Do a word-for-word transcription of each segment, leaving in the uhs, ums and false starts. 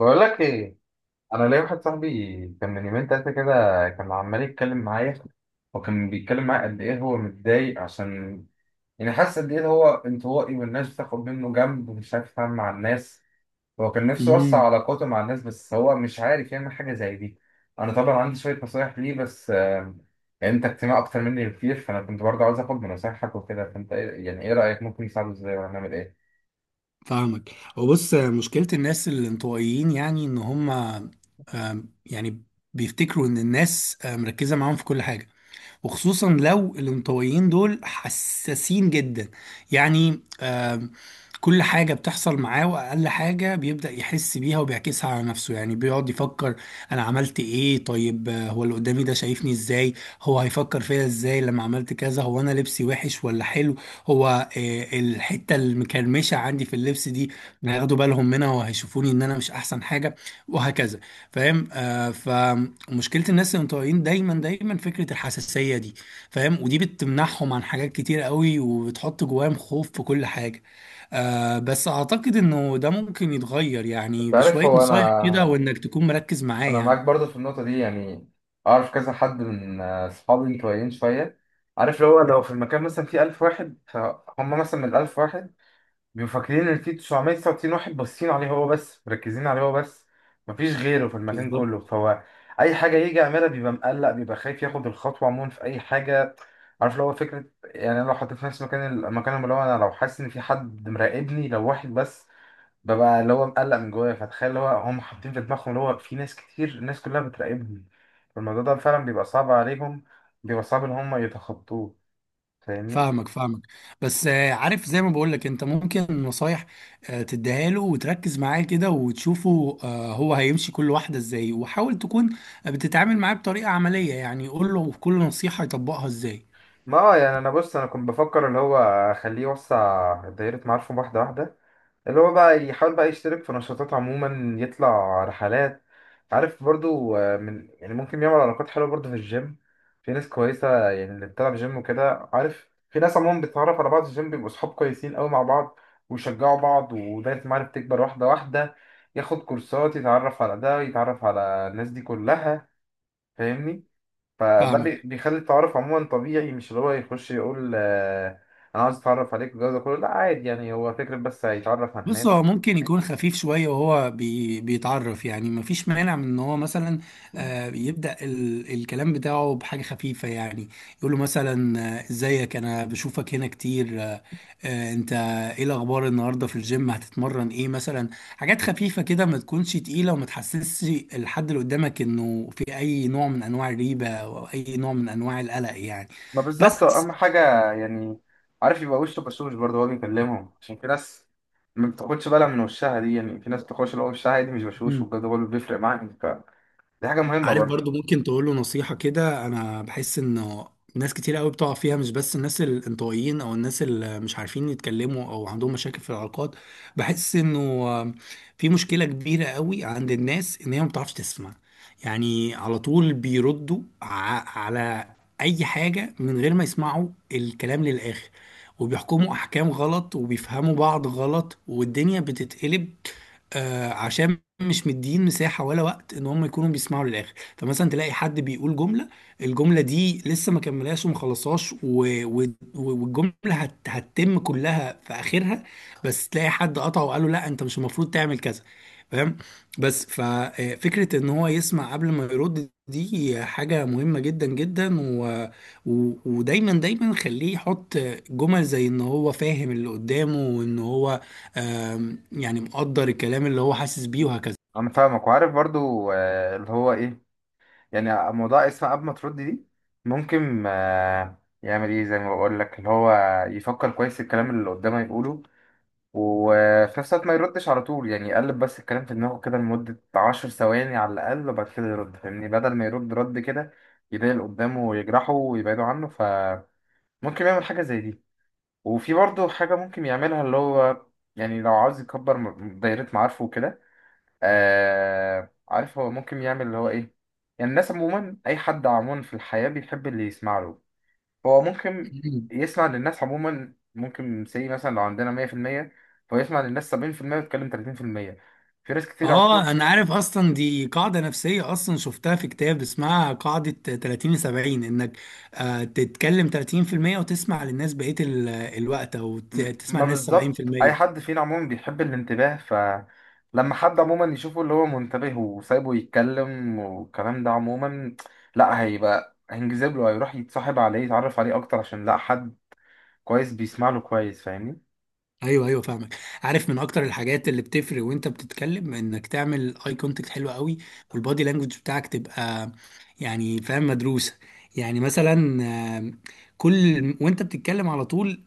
بقول لك ايه. انا ليا واحد صاحبي كان من يومين تلاته كده. كان عمال يتكلم معايا، وكان بيتكلم معايا قد ايه هو متضايق، عشان يعني حاسس قد ايه هو انطوائي والناس بتاخد منه جنب ومش عارف يتعامل مع الناس. هو كان نفسه امم يوسع علاقاته مع الناس، بس هو مش عارف يعمل حاجه زي دي. انا طبعا عندي شويه نصايح ليه، بس آه، يعني انت اجتماع اكتر مني بكتير، فانا كنت برضه عاوز اخد من نصايحك وكده. فانت إيه- يعني ايه رايك؟ ممكن نساعده ازاي ولا نعمل ايه؟ فاهمك. وبص، مشكلة الناس الانطوائيين يعني ان هم آم، يعني بيفتكروا ان الناس آه، مركزة معاهم في كل حاجة. وخصوصا لو الانطوائيين دول حساسين جدا يعني آم، كل حاجة بتحصل معاه وأقل حاجة بيبدأ يحس بيها وبيعكسها على نفسه. يعني بيقعد يفكر، أنا عملت إيه؟ طيب آه، هو اللي قدامي ده شايفني إزاي؟ هو هيفكر فيا إزاي لما عملت كذا؟ هو أنا لبسي وحش ولا حلو؟ هو آه، الحتة المكرمشة عندي في اللبس دي هياخدوا بالهم منها وهيشوفوني إن أنا مش أحسن حاجة. وهكذا. فاهم. آه فمشكلة الناس المتطوعين دايما دايما فكرة الحساسية دي. فاهم؟ ودي بتمنعهم عن حاجات كتير قوي، وبتحط جواهم خوف في كل حاجة. آه بس أعتقد إنه ده ممكن يتغير، يعني انت عارف، بشوية هو انا نصايح كده وإنك تكون مركز معاه انا يعني. معاك برضه في النقطه دي يعني. اعرف كذا حد من آه، اصحابي متوقعين شويه. عارف، لو لو في المكان مثلا فيه ألف واحد، فهم مثلا من ال ألف واحد بيبقوا فاكرين ان فيه تسعمية وتسعة وتسعين واحد باصين عليه هو بس، مركزين عليه هو بس، مفيش غيره في المكان بالظبط. كله. فهو اي حاجه يجي يعملها بيبقى مقلق، بيبقى خايف ياخد الخطوه عموما في اي حاجه. عارف لو هو فكره، يعني أنا لو حطيت نفسي مكان المكان اللي هو انا، لو حاسس ان في حد مراقبني لو واحد بس، ببقى اللي هو مقلق من جوايا، فتخيل اللي هو هم حاطين في دماغهم اللي هو في ناس كتير، الناس كلها بتراقبهم. فالموضوع ده فعلا بيبقى صعب عليهم، بيبقى صعب ان هم يتخطوه. فاهمني. فاهمك فاهمك. بس آه، عارف، زي ما بقولك انت ممكن نصايح آه، تديها له وتركز معاه كده، وتشوفه آه، هو هيمشي كل واحدة ازاي. وحاول تكون بتتعامل معاه بطريقة عملية، يعني قول له كل نصيحة يطبقها ازاي. ما هو يعني انا بص، انا كنت بفكر اللي هو اخليه يوسع دايرة معارفه واحدة واحدة. اللي هو بقى يحاول بقى يشترك في نشاطات عموما، يطلع رحلات. عارف برضو، آه، من يعني ممكن يعمل علاقات حلوة برضو في الجيم. في ناس كويسة يعني اللي بتلعب جيم وكده. عارف في ناس عموما بتتعرف على بعض في الجيم، بيبقوا صحاب كويسين قوي مع بعض ويشجعوا بعض، ودايرة المعارف تكبر واحدة واحدة. ياخد كورسات، يتعرف على ده، يتعرف على الناس دي كلها. فاهمني. فده بي- فاهمك. بيخلي التعارف عموما طبيعي، مش اللي هو يخش يقول آه، انا عايز اتعرف عليك والجو ده كله، لا عادي يعني. هو فكرة بس، هيتعرف على بص، هو الناس. ممكن يكون خفيف شوية وهو بي بيتعرف. يعني مفيش مانع من ان هو مثلا آه، يبدأ ال الكلام بتاعه بحاجة خفيفة. يعني يقول له مثلا آه، ازيك، انا بشوفك هنا كتير. آه، آه، انت، ايه الاخبار النهاردة في الجيم؟ هتتمرن ايه مثلا؟ حاجات خفيفة كده، ما تكونش تقيلة وما تحسسش الحد اللي قدامك انه في اي نوع من انواع الريبة او اي نوع من انواع القلق يعني. ما بالظبط بس اهم حاجه يعني. عارف يبقى وشه بشوش برضه هو بيكلمهم، عشان في ناس ما بتاخدش بالها من وشها دي. يعني في ناس بتاخدش اللي هو وشها دي مش بشوش، وبجد هو اللي بيفرق معاك، فدي حاجه مهمه عارف برضو، برضه. ممكن تقول له نصيحة كده. أنا بحس إنه ناس كتير قوي بتقع فيها، مش بس الناس الانطوائيين أو الناس اللي مش عارفين يتكلموا أو عندهم مشاكل في العلاقات. بحس إنه في مشكلة كبيرة قوي عند الناس، إن هي ما بتعرفش تسمع. يعني على طول بيردوا ع- على أي حاجة من غير ما يسمعوا الكلام للآخر، وبيحكموا أحكام غلط وبيفهموا بعض غلط والدنيا بتتقلب. آه، عشان مش مدين مساحة ولا وقت ان هم يكونوا بيسمعوا للاخر. فمثلا تلاقي حد بيقول جملة، الجملة دي لسه ما كملهاش وما خلصهاش و... و... والجملة هت... هتتم كلها في آخرها. بس تلاقي حد قطعه وقال له لا، أنت مش المفروض تعمل كذا. فاهم. بس ففكرة إن هو يسمع قبل ما يرد دي حاجة مهمة جدا جدا. و... و... ودايما دايما خليه يحط جمل زي إن هو فاهم اللي قدامه، وإن هو آم، يعني مقدر الكلام اللي هو حاسس بيه وهكذا. انا فاهمك وعارف برضه آه، اللي هو ايه، يعني موضوع اسمه قبل ما ترد دي، ممكن آه، يعمل ايه زي ما بقول لك؟ اللي هو يفكر كويس الكلام اللي قدامه يقوله، وفي نفس الوقت ما يردش على طول، يعني يقلب بس الكلام في دماغه كده لمدة عشر ثواني على الأقل، وبعد كده يرد. فاهمني، بدل ما يرد رد كده يضايق اللي قدامه ويجرحه ويبعده عنه. فممكن يعمل حاجة زي دي. وفي برضه حاجة ممكن يعملها اللي هو، يعني لو عاوز يكبر م- دايرة معارفه وكده. آه عارف هو ممكن يعمل اللي هو إيه؟ يعني الناس عموما، أي حد عموما في الحياة بيحب اللي يسمع له. هو ممكن يسمع للناس عموما. ممكن سي مثلا لو عندنا مية في المية، فهو يسمع للناس سبعين في المية ويتكلم تلاتين في المية في المية. في ناس كتير عموما. اه، انا عارف. اصلا دي قاعده نفسيه، اصلا شفتها في كتاب اسمها قاعده ثلاثين سبعين. انك آه تتكلم ثلاثين في المية وتسمع للناس بقيه ال- الوقت، او ت- م- تسمع ما للناس بالظبط، أي سبعين في المية. حد فينا عموما بيحب الانتباه. فلما حد عموما يشوفه اللي هو منتبه وسايبه يتكلم والكلام ده عموما، لا هيبقى هينجذب له، هيروح يتصاحب عليه، يتعرف عليه أكتر، عشان لا حد كويس بيسمع له كويس. ايوه ايوه، فاهمك. عارف من اكتر الحاجات اللي بتفرق وانت بتتكلم، انك تعمل اي كونتاكت حلو قوي والبادي لانجوج بتاعك تبقى يعني فاهم مدروسه. يعني مثلا آه، كل وانت بتتكلم على طول،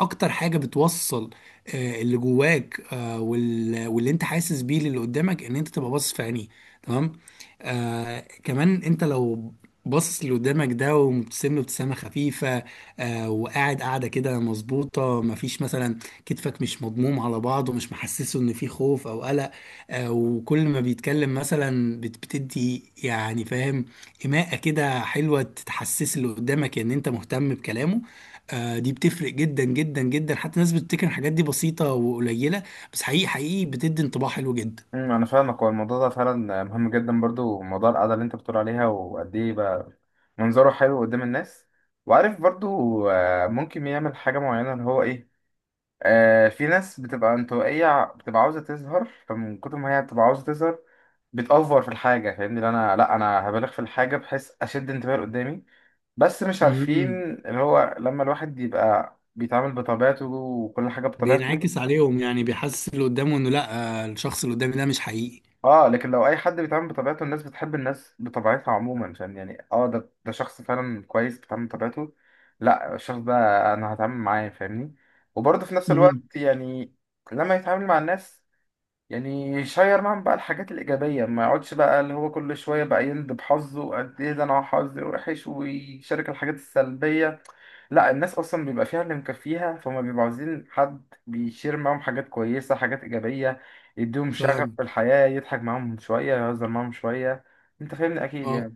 اكتر حاجة بتوصل آه، اللي جواك، آه، وال- واللي انت حاسس بيه للي قدامك، ان انت تبقى باصص في عينيه. تمام. آه كمان، انت لو باصص اللي قدامك ده ومبتسم له ابتسامة خفيفة، آه وقاعد قاعدة كده مظبوطة، مفيش مثلا كتفك مش مضموم على بعض ومش محسسه ان في خوف او قلق. آه وكل ما بيتكلم مثلا بت- بتدي يعني فاهم إيماءة كده حلوة، تحسس اللي قدامك ان انت مهتم بكلامه. آه، دي بتفرق جدا جدا جدا. حتى الناس بتفتكر إن الحاجات دي بسيطة وقليلة، بس حقيقي حقيقي بتدي انطباع حلو جدا. امم، انا فاهمك. هو الموضوع ده فعلا مهم جدا برضو، موضوع القعده اللي انت بتقول عليها وقد ايه بقى منظره حلو قدام الناس. وعارف برضو، آه، ممكن يعمل حاجه معينه اللي هو ايه. آه، في ناس بتبقى انطوائيه بتبقى عاوزه تظهر، فمن كتر ما هي بتبقى عاوزه تظهر بتأفور في الحاجه. فاهمني، اللي انا لا انا هبالغ في الحاجه بحيث اشد انتباه اللي قدامي، بس مش عارفين امم اللي هو لما الواحد يبقى بيتعامل بطبيعته وكل حاجه بطبيعته. بينعكس عليهم، يعني بيحسس اللي قدامه انه لا، آه، الشخص اللي قدامي ده مش حقيقي. اه، لكن لو اي حد بيتعامل بطبيعته الناس بتحب الناس بطبيعتها عموما، عشان يعني اه ده ده شخص فعلا كويس بيتعامل بطبيعته، لا الشخص ده انا هتعامل معاه. فاهمني. وبرضه في نفس امم، الوقت يعني لما يتعامل مع الناس، يعني شير معاهم بقى الحاجات الإيجابية. ما يقعدش بقى اللي هو كل شوية بقى يند بحظه وقد إيه ده أنا حظي وحش ويشارك الحاجات السلبية. لا، الناس أصلا بيبقى فيها اللي مكفيها، فهم بيبقوا عايزين حد بيشير معاهم حاجات كويسة، حاجات إيجابية، يديهم شغف فاهم، في الحياة، يضحك معاهم شوية، يهزر معاهم شوية. أنت فاهمني أكيد اه، يعني.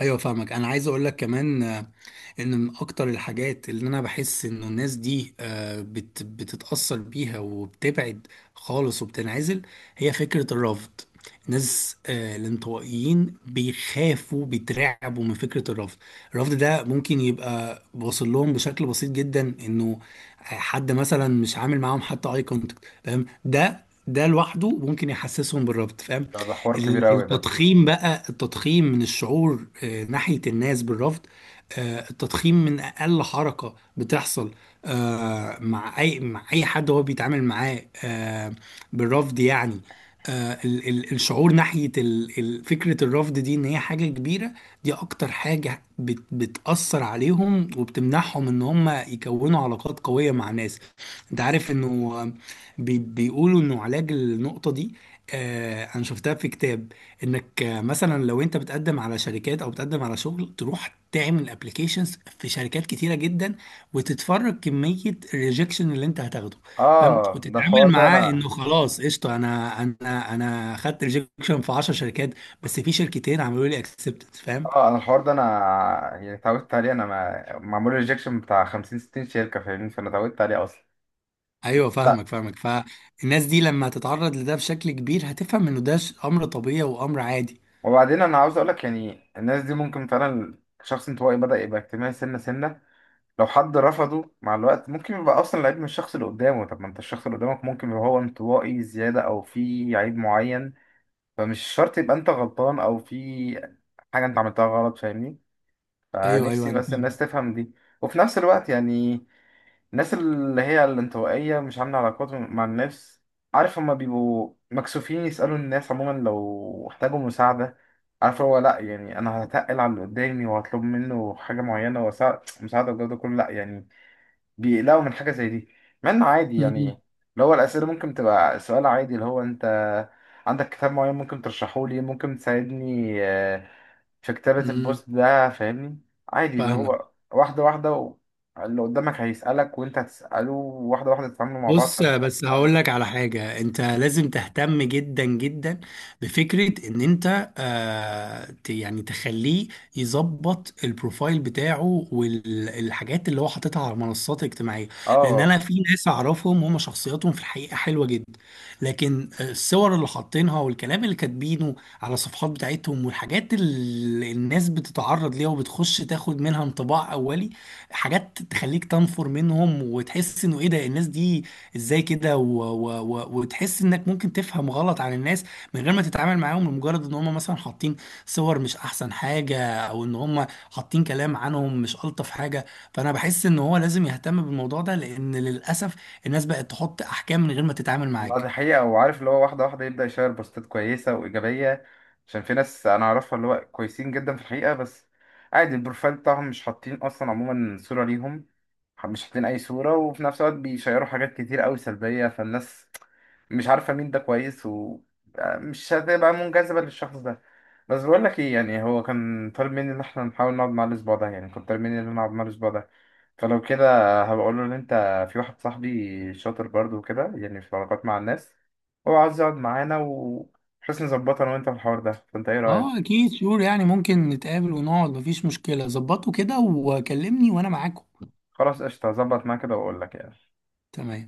ايوه، فاهمك. انا عايز اقول لك كمان آه، ان من اكتر الحاجات اللي انا بحس انه الناس دي آه، بت بتتأثر بيها، وبتبعد خالص وبتنعزل، هي فكرة الرفض. الناس آه، الانطوائيين بيخافوا، بيترعبوا من فكرة الرفض. الرفض ده ممكن يبقى واصل لهم بشكل بسيط جدا، انه حد مثلا مش عامل معاهم حتى اي كونتاكت. فاهم، ده ده لوحده ممكن يحسسهم بالرفض. فاهم. ده, ده حوار كبير ال- أوي ده. التضخيم بقى، التضخيم من الشعور آه، ناحية الناس بالرفض. آه، التضخيم من اقل حركه بتحصل آه، مع اي مع اي حد هو بيتعامل معاه آه، بالرفض يعني. آه، ال- ال- الشعور ناحيه ال- ال- فكره الرفض دي ان هي حاجه كبيره. دي اكتر حاجه بت- بتاثر عليهم، وبتمنعهم ان هم يكونوا علاقات قويه مع ناس. انت عارف انه آه، بي- بيقولوا انه علاج النقطه دي. آه، انا شفتها في كتاب. انك آه، مثلا لو انت بتقدم على شركات او بتقدم على شغل، تروح تعمل ابلكيشنز في شركات كتيره جدا، وتتفرج كميه الريجكشن اللي انت هتاخده. فاهم؟ آه ده وتتعامل الحوار ده معاه أنا انه خلاص، قشطه، انا انا انا خدت ريجكشن في عشر شركات، بس في شركتين عملوا لي اكسبتد. فاهم. آه أنا الحوار ده أنا، يعني اتعودت عليه. أنا ما معمول ريجكشن بتاع خمسين ستين شركة، فاهمني، فأنا اتعودت عليه أصلا. ايوه بس لا، فاهمك فاهمك. فالناس دي لما تتعرض لده بشكل كبير هتفهم انه ده امر طبيعي وامر عادي. وبعدين انا عاوز اقولك يعني الناس دي ممكن فعلا شخص انطوائي بدأ يبقى اجتماعي سنة سنة، لو حد رفضه مع الوقت ممكن يبقى اصلا العيب من الشخص اللي قدامه. طب ما انت الشخص اللي قدامك ممكن يبقى هو انطوائي زيادة او في عيب معين، فمش شرط يبقى انت غلطان او في حاجة انت عملتها غلط. فاهمني، ايوه فنفسي ايوه، بس الناس تفهم دي. وفي نفس الوقت يعني الناس اللي هي الانطوائية مش عاملة علاقات مع الناس، عارف هما بيبقوا مكسوفين يسألوا الناس عموما لو احتاجوا مساعدة. عارف هو لأ، يعني أنا هتقل على اللي قدامي وهطلب منه حاجة معينة ومساعدة والجو ده كله، لأ يعني. بيقلقوا من حاجة زي دي مع انه عادي يعني. اللي هو الأسئلة ممكن تبقى سؤال عادي اللي هو انت عندك كتاب معين ممكن ترشحه لي، ممكن تساعدني آه، في كتابة انا البوست ده. فاهمني، عادي اللي فاهمك. هو واحدة واحدة و... اللي قدامك هيسألك وانت هتسأله واحدة واحدة، تتعاملوا مع بعض، بص، فانا شايف بس إنه هقول عادي. لك على حاجة انت لازم تهتم جدا جدا بفكرة ان انت آه ت- يعني تخليه يظبط البروفايل بتاعه والحاجات اللي هو حاططها على المنصات الاجتماعية. لان اه، انا في ناس اعرفهم هم شخصياتهم في الحقيقة حلوة جدا، لكن الصور اللي حاطينها والكلام اللي كاتبينه على الصفحات بتاعتهم والحاجات اللي الناس بتتعرض ليها وبتخش تاخد منها انطباع اولي، حاجات تخليك تنفر منهم وتحس انه ايه ده الناس دي، ازاي كده؟ و... و... و... وتحس انك ممكن تفهم غلط عن الناس من غير ما تتعامل معاهم، لمجرد ان هم مثلا حاطين صور مش احسن حاجة او ان هم حاطين كلام عنهم مش الطف حاجة. فانا بحس ان هو لازم يهتم بالموضوع ده، لان للاسف الناس بقت تحط احكام من غير ما تتعامل ما معاك. دي حقيقة. وعارف اللي هو واحدة واحدة يبدأ يشير بوستات كويسة وإيجابية، عشان في ناس أنا أعرفها اللي هو كويسين جدا في الحقيقة، بس عادي البروفايل بتاعهم مش حاطين أصلا عموما صورة ليهم، مش حاطين أي صورة، وفي نفس الوقت بيشيروا حاجات كتير أوي سلبية، فالناس مش عارفة مين ده كويس، ومش هتبقى منجذبة للشخص ده. بس بقول لك إيه، يعني هو كان طالب مني إن إحنا نحاول نقعد معاه الأسبوع ده، يعني كنت طالب مني إن أنا أقعد معاه الأسبوع ده. فلو كده هبقول له ان انت في واحد صاحبي شاطر برضو وكده، يعني في العلاقات مع الناس، هو عاوز يقعد معانا و بحيث نظبطها انا وانت في الحوار ده. فانت ايه اه، رأيك؟ اكيد شور يعني، ممكن نتقابل ونقعد، مفيش مشكلة. ظبطوا كده وكلمني وانا معاكم. خلاص قشطة، هظبط معاه كده واقول لك يعني. تمام.